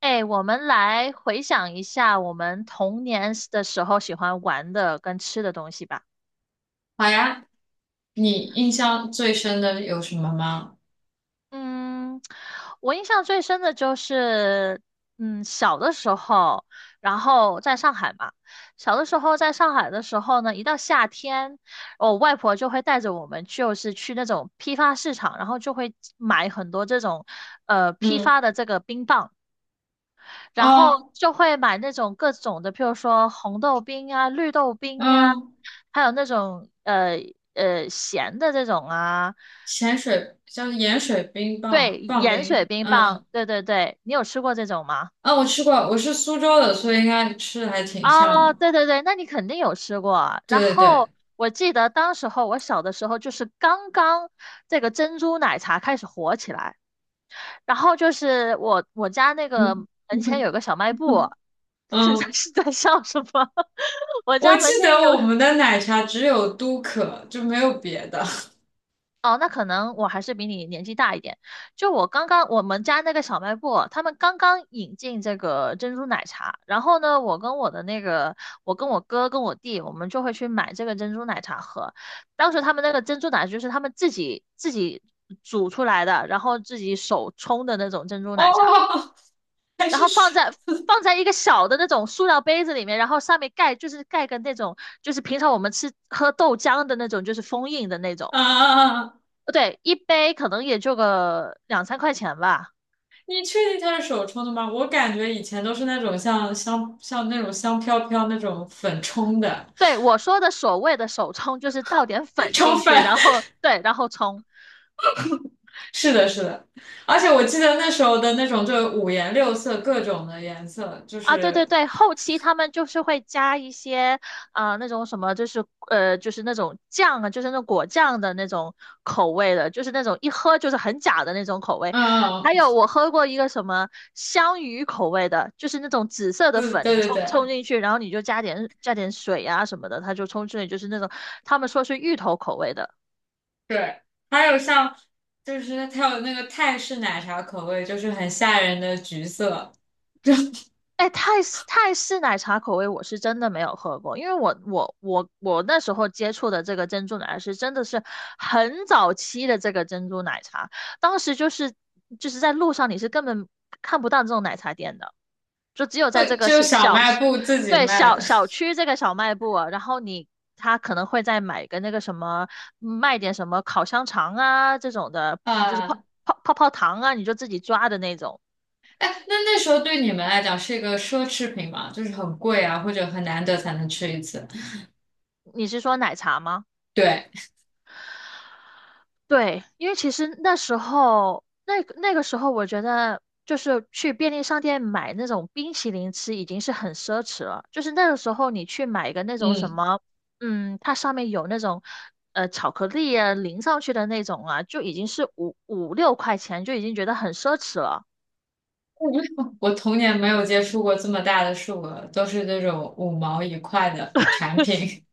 哎，我们来回想一下我们童年的时候喜欢玩的跟吃的东西吧。好呀，你印象最深的有什么吗？嗯，我印象最深的就是，小的时候，然后在上海嘛，小的时候在上海的时候呢，一到夏天，我外婆就会带着我们，就是去那种批发市场，然后就会买很多这种，批嗯，发的这个冰棒，然后哦，就会买那种各种的，譬如说红豆冰啊、绿豆冰啊。嗯，还有那种咸的这种啊，咸水叫盐水冰对，棒棒盐水冰，冰嗯棒，嗯，对对对，你有吃过这种吗？啊，我吃过，我是苏州的，所以应该吃的还挺像哦，的。对对对，那你肯定有吃过啊。然对对对，后我记得当时候我小的时候，就是刚刚这个珍珠奶茶开始火起来，然后就是我家那个嗯 门前有个小卖部，是在嗯，是在笑什么？我我家记门得前有我们的奶茶只有都可，就没有别的。哦，那可能我还是比你年纪大一点。就我刚刚我们家那个小卖部，他们刚刚引进这个珍珠奶茶，然后呢，我跟我哥跟我弟，我们就会去买这个珍珠奶茶喝。当时他们那个珍珠奶茶就是他们自己煮出来的，然后自己手冲的那种珍 珠奶茶，哦，还然是后手放在一个小的那种塑料杯子里面，然后上面盖就是盖个那种就是平常我们吃喝豆浆的那种，就是封印的那种。啊啊啊？对，一杯可能也就个两三块钱吧。你确定它是手冲的吗？我感觉以前都是那种像那种香飘飘那种粉冲的 对，我说的所谓的手冲，就是倒点 粉冲进粉。去，然后对，然后冲。是的，是的，而且我记得那时候的那种，就五颜六色，各种的颜色，啊，对对对，后期他们就是会加一些，那种什么，就是就是那种酱啊，就是那种果酱的那种口味的，就是那种一喝就是很假的那种口味。嗯，还有我喝过一个什么香芋口味的，就是那种紫色的嗯，粉，对你对冲对进去，然后你就加点水啊什么的，它就冲出来，就是那种他们说是芋头口味的。对，还有像，就是它有那个泰式奶茶口味，就是很吓人的橘色，哎，泰式奶茶口味我是真的没有喝过，因为我那时候接触的这个珍珠奶茶是真的是很早期的这个珍珠奶茶，当时就是在路上你是根本看不到这种奶茶店的，就只有在这会个就是小小，卖部自己对卖小的 小区这个小卖部啊然后你他可能会再买个那个什么卖点什么烤香肠啊这种的，嗯就是泡啊，泡泡泡糖啊，你就自己抓的那种。哎，那那时候对你们来讲是一个奢侈品嘛，就是很贵啊，或者很难得才能吃一次。你是说奶茶吗？对，对，因为其实那时候，那个时候，我觉得就是去便利商店买那种冰淇淋吃已经是很奢侈了。就是那个时候，你去买一个那种什嗯，么，它上面有那种巧克力啊淋上去的那种啊，就已经是五五六块钱，就已经觉得很奢侈了。我童年没有接触过这么大的数额，都是那种五毛一块的产品。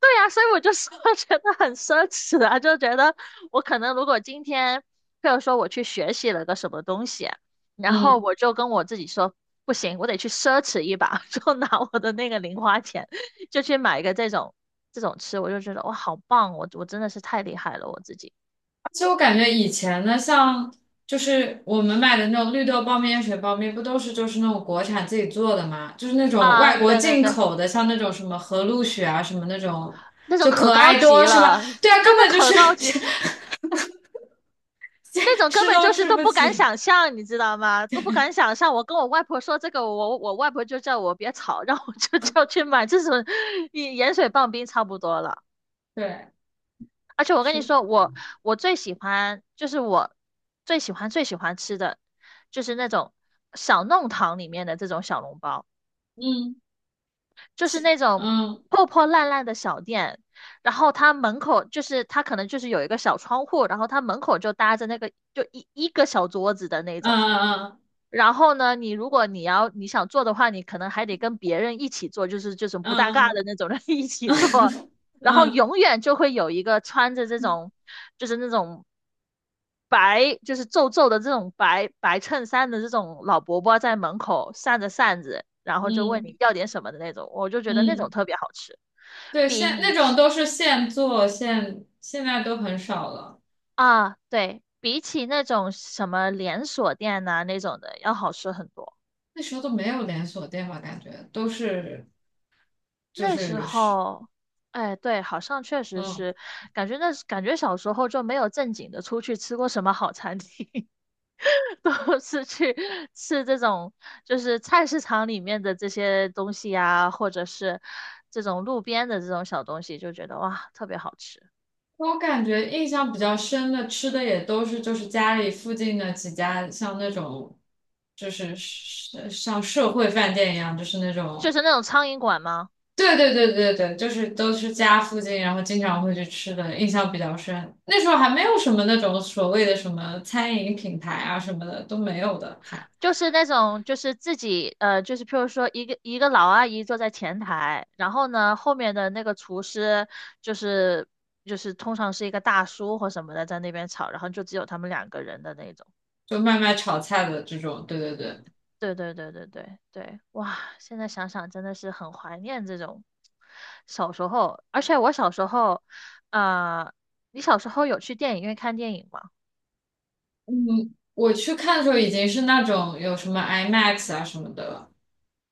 对呀、所以我就说 觉得很奢侈啊，就觉得我可能如果今天，譬如说我去学习了个什么东西，然后嗯，我就跟我自己说，不行，我得去奢侈一把，就拿我的那个零花钱，就去买一个这种吃，我就觉得哇，好棒，我真的是太厉害了，我自己而且我感觉以前呢，像就是我们买的那种绿豆包、面、水包、面，不都是就是那种国产自己做的吗？就是那种啊，外国对对进对，口的，像那种什么和路雪啊，什么那种，那种就可可高爱级多是了，吧？对啊，真根的本就可是 高级，那种根吃本都就是吃都不不敢起。想象，你知道吗？都不敢想象。我跟我外婆说这个，我外婆就叫我别吵，让我就叫去买这种盐水棒冰差不多了。对，而且我跟你是，说，我最喜欢就是我最喜欢最喜欢吃的就是那种小弄堂里面的这种小笼包，嗯，就是其那种嗯破破烂烂的小店，然后它门口就是它可能就是有一个小窗户，然后它门口就搭着那个就一个小桌子的那种。嗯然后呢，你如果你要你想做的话，你可能还得跟别人一起做，就是这种嗯不搭嘎嗯的那种人 一起做，然后嗯嗯永远就会有一个穿着这种，就是那种白，就是皱皱的这种白白衬衫的这种老伯伯在门口扇着扇子，然后就问你嗯要点什么的那种，我就觉得那种嗯，特别好吃，对，比现你那种都是现做现，现在都很少了。啊，对，比起那种什么连锁店呐、那种的要好吃很多。那时候都没有连锁店吧，感觉都是就那是时是，候，哎，对，好像确实嗯，是，感觉小时候就没有正经的出去吃过什么好餐厅，都是去吃这种就是菜市场里面的这些东西呀、或者是这种路边的这种小东西，就觉得哇，特别好吃。我感觉印象比较深的吃的也都是就是家里附近的几家，像那种就是像社会饭店一样，就是那就种是那种苍蝇馆吗？对对对对对，就是都是家附近，然后经常会去吃的，印象比较深。那时候还没有什么那种所谓的什么餐饮品牌啊什么的都没有的，还就是那种，就是自己，就是譬如说一个老阿姨坐在前台，然后呢，后面的那个厨师就是就是通常是一个大叔或什么的在那边炒，然后就只有他们两个人的那种。就卖卖炒菜的这种，对对对。对对对对对对，哇，现在想想真的是很怀念这种小时候，而且我小时候，呃，你小时候有去电影院看电影吗？嗯，我去看的时候已经是那种有什么 IMAX 啊什么的了。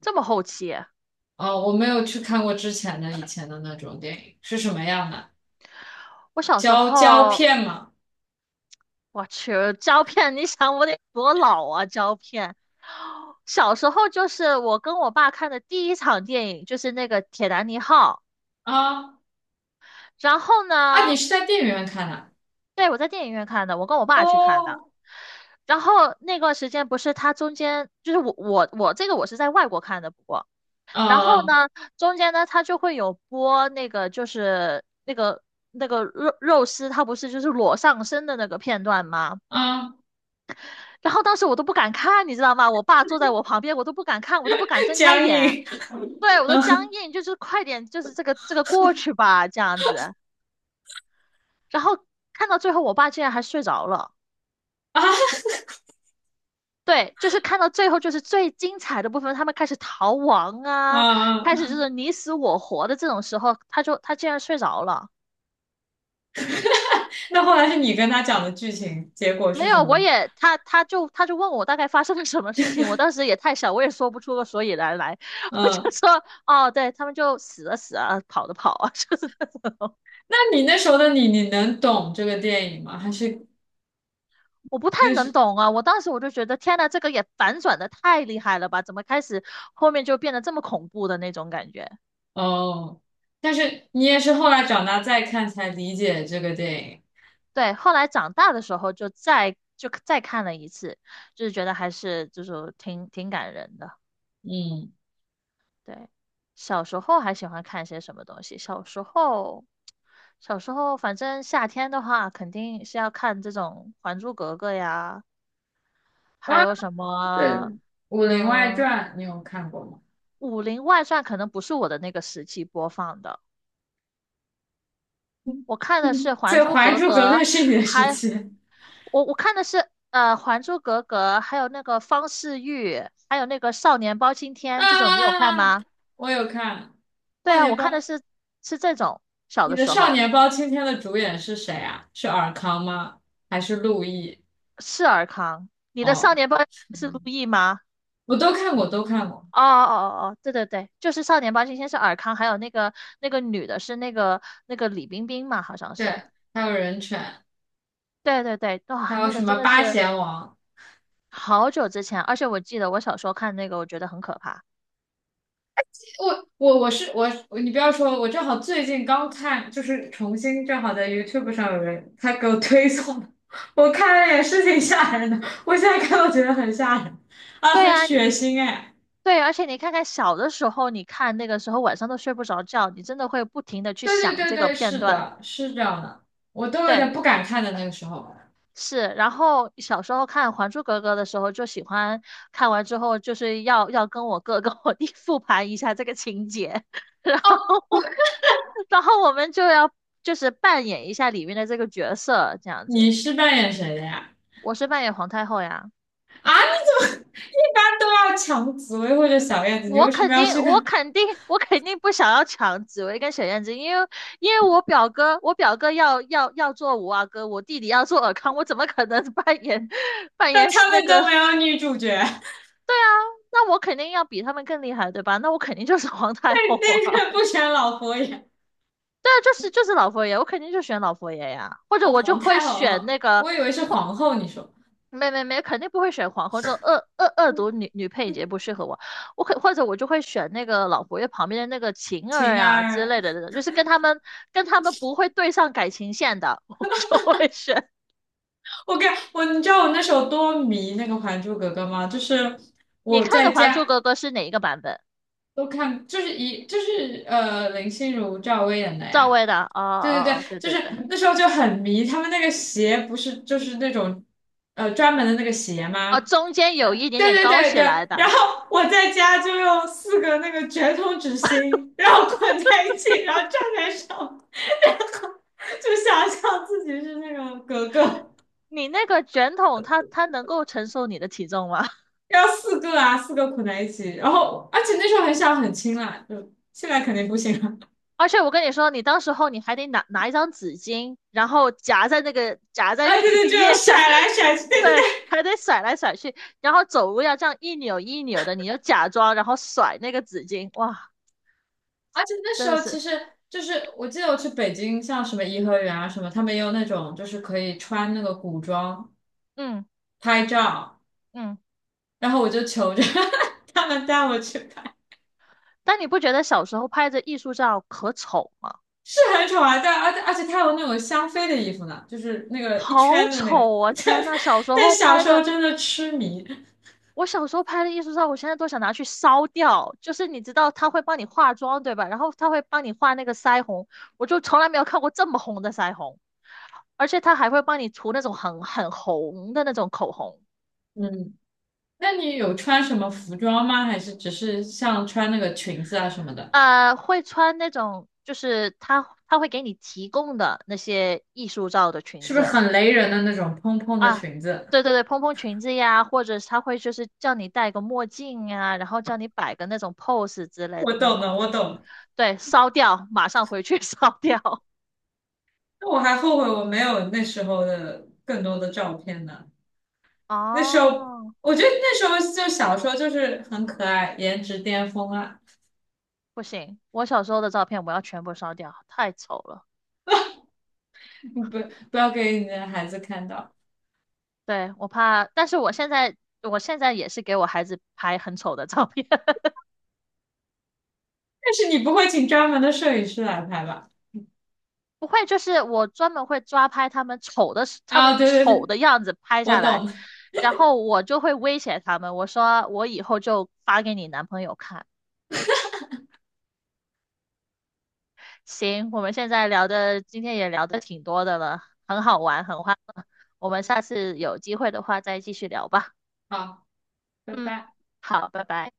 这么后期啊？哦，我没有去看过之前的以前的那种电影，是什么样的？我小时胶胶候，片吗？我去，胶片，你想我得多老啊？胶片，小时候就是我跟我爸看的第一场电影，就是那个《铁达尼号》。啊然后啊，呢，你是在电影院看的？对，我在电影院看的，我跟我爸去看的。哦，然后那段时间不是它中间就是我我我这个我是在外国看的，不过然后啊呢，中间呢它就会有播那个就是那个肉丝，它不是就是裸上身的那个片段吗？啊，然后当时我都不敢看，你知道吗？我爸坐在我旁边，我都不敢看，我都不敢 睁开僵眼。硬对，我都僵硬，就是快点，就是这个过去吧，这样子。然后看到最后，我爸竟然还睡着了。啊对，就是看到最后，就是最精彩的部分，他们开始逃亡啊，啊！开始就是你死我活的这种时候，他竟然睡着了。那后来是你跟他讲的剧情，结果没是什有，么吗？他就问我大概发生了什么事情，我当时也太小，我也说不出个所以然来，我就嗯，说哦，对他们就死了死啊，跑的跑啊，就是那你那时候的你，你能懂这个电影吗？还是我不太那能是懂啊，我当时我就觉得天呐，这个也反转的太厉害了吧，怎么开始后面就变得这么恐怖的那种感觉？哦？但是你也是后来长大再看才理解这个电影。对，后来长大的时候就再看了一次，就是觉得还是就是挺感人的。嗯对，小时候还喜欢看些什么东西？小时候，小时候反正夏天的话，肯定是要看这种《还珠格格》呀，啊，还有什对，么，《武林外嗯，传》你有看过吗？《武林外传》可能不是我的那个时期播放的，我看的是 所《还以珠《还格珠格格》，格》是你的时还期我看的是《还珠格格》，还有那个方世玉，还有那个《少年包青啊天》这种，你有看啊啊！啊吗？我有看对《少啊，我年包》，看的是是这种，小你的的时《少候。年包青天》的主演是谁啊？是尔康吗？还是陆毅？是尔康，你的少哦，年包青天是陆毅吗？我都看过，都看过。哦哦哦哦，对对对，就是少年包青天是尔康，还有那个那个女的是那个李冰冰嘛，好像对，是。还有《人犬》，对对对，哇，还有那个什么真的《八是贤王》？好久之前，而且我记得我小时候看那个，我觉得很可怕。我我我是我，你不要说，我正好最近刚看，就是重新正好在 YouTube 上有人他给我推送的我看了也是挺吓人的，我现在看都觉得很吓人啊，对很啊，血腥哎。对，而且你看看小的时候，你看那个时候晚上都睡不着觉，你真的会不停的去对对想对这个对，片是段。的，是这样的，我都有对，点不敢看的那个时候。是，然后小时候看《还珠格格》的时候，就喜欢看完之后就是要跟我哥 跟我弟复盘一下这个情节，然后然后我们就要就是扮演一下里面的这个角色，这样子。你是扮演谁的呀？我是扮演皇太后呀，啊，你怎么 一般都要抢紫薇或者小燕子，你我为什么肯要定去我看？肯定我肯定不想要抢紫薇跟小燕子，因为我表哥要做五阿哥，我弟弟要做尔康，我怎么可能扮演 扮演那他那们都个没有女主角，那那我肯定要比他们更厉害，对吧？那我肯定就是 皇太后那啊！个不选老佛爷。对啊就是老佛爷，我肯定就选老佛爷呀，或者哦，我就皇会太后啊，选哦那个，我以为是皇后。你说没，肯定不会选皇后，这种恶毒女配角不适合我。我可或者我就会选那个老佛爷旁边的那个晴儿晴呀之儿，类的，就是跟他们不会对上感情线的，我就会选。我跟我，你知道我那时候多迷那个《还珠格格》吗？就是你我看的在《还珠家格格》是哪一个版本？都看，就是一就是呃林心如、赵薇演的赵呀。薇的？哦对对哦哦，对，对就对是对，那时候就很迷，他们那个鞋不是就是那种专门的那个鞋哦，吗？中间有一然点对点对高对起对，来然的。后我在家就用四个那个卷筒纸芯，然后捆在一起，然后站在上面。就想象自己是那个格格，你那个卷筒它，它能够承受你的体重吗？要四个啊，四个捆在一起，然后而且那时候很小很轻啦，就现在肯定不行了。而且我跟你说，你当时候你还得拿一张纸巾，然后夹在那个夹在啊，那对个对，就要腋甩下，来甩去，对对对，对。还得甩来甩去，然后走路要这样一扭一扭的，你就假装然后甩那个纸巾，哇，而且那真时的候其是，实就是，我记得我去北京，像什么颐和园啊什么，他们也有那种就是可以穿那个古装嗯拍照，嗯。然后我就求着 他们带我去拍，但你不觉得小时候拍的艺术照可丑吗？是很丑啊，但而且而且他有那种香妃的衣服呢，就是那个一好圈的那个，丑啊！天但呐，小时但候小拍时候的真的痴迷，我小时候拍的艺术照，我现在都想拿去烧掉。就是你知道他会帮你化妆，对吧？然后他会帮你画那个腮红，我就从来没有看过这么红的腮红，而且他还会帮你涂那种很红的那种口红，嗯。那你有穿什么服装吗？还是只是像穿那个裙子啊什么的？呃，会穿那种就是他会给你提供的那些艺术照的裙是不是子很雷人的那种蓬蓬的啊，裙子？对对对，蓬蓬裙子呀，或者是他会就是叫你戴个墨镜呀，然后叫你摆个那种 pose 之类我的那懂的，种。我懂的。对，烧掉，马上回去 烧掉。那我还后悔我没有那时候的更多的照片呢。那时候，哦，我觉得那时候就小时候就是很可爱，颜值巅峰啊！不行，我小时候的照片我要全部烧掉，太丑了。不不要给你的孩子看到对，我怕，但是我现在，我现在也是给我孩子拍很丑的照片，但是你不会请专门的摄影师来拍吧？不会，就是我专门会抓拍他们丑的时他啊！们对对丑对，的样子拍我下来，懂了。然后我就会威胁他们，我说我以后就发给你男朋友看。行，我们现在聊的，今天也聊的挺多的了，很好玩，很欢乐。我们下次有机会的话再继续聊吧。好，拜嗯，拜。好，拜拜。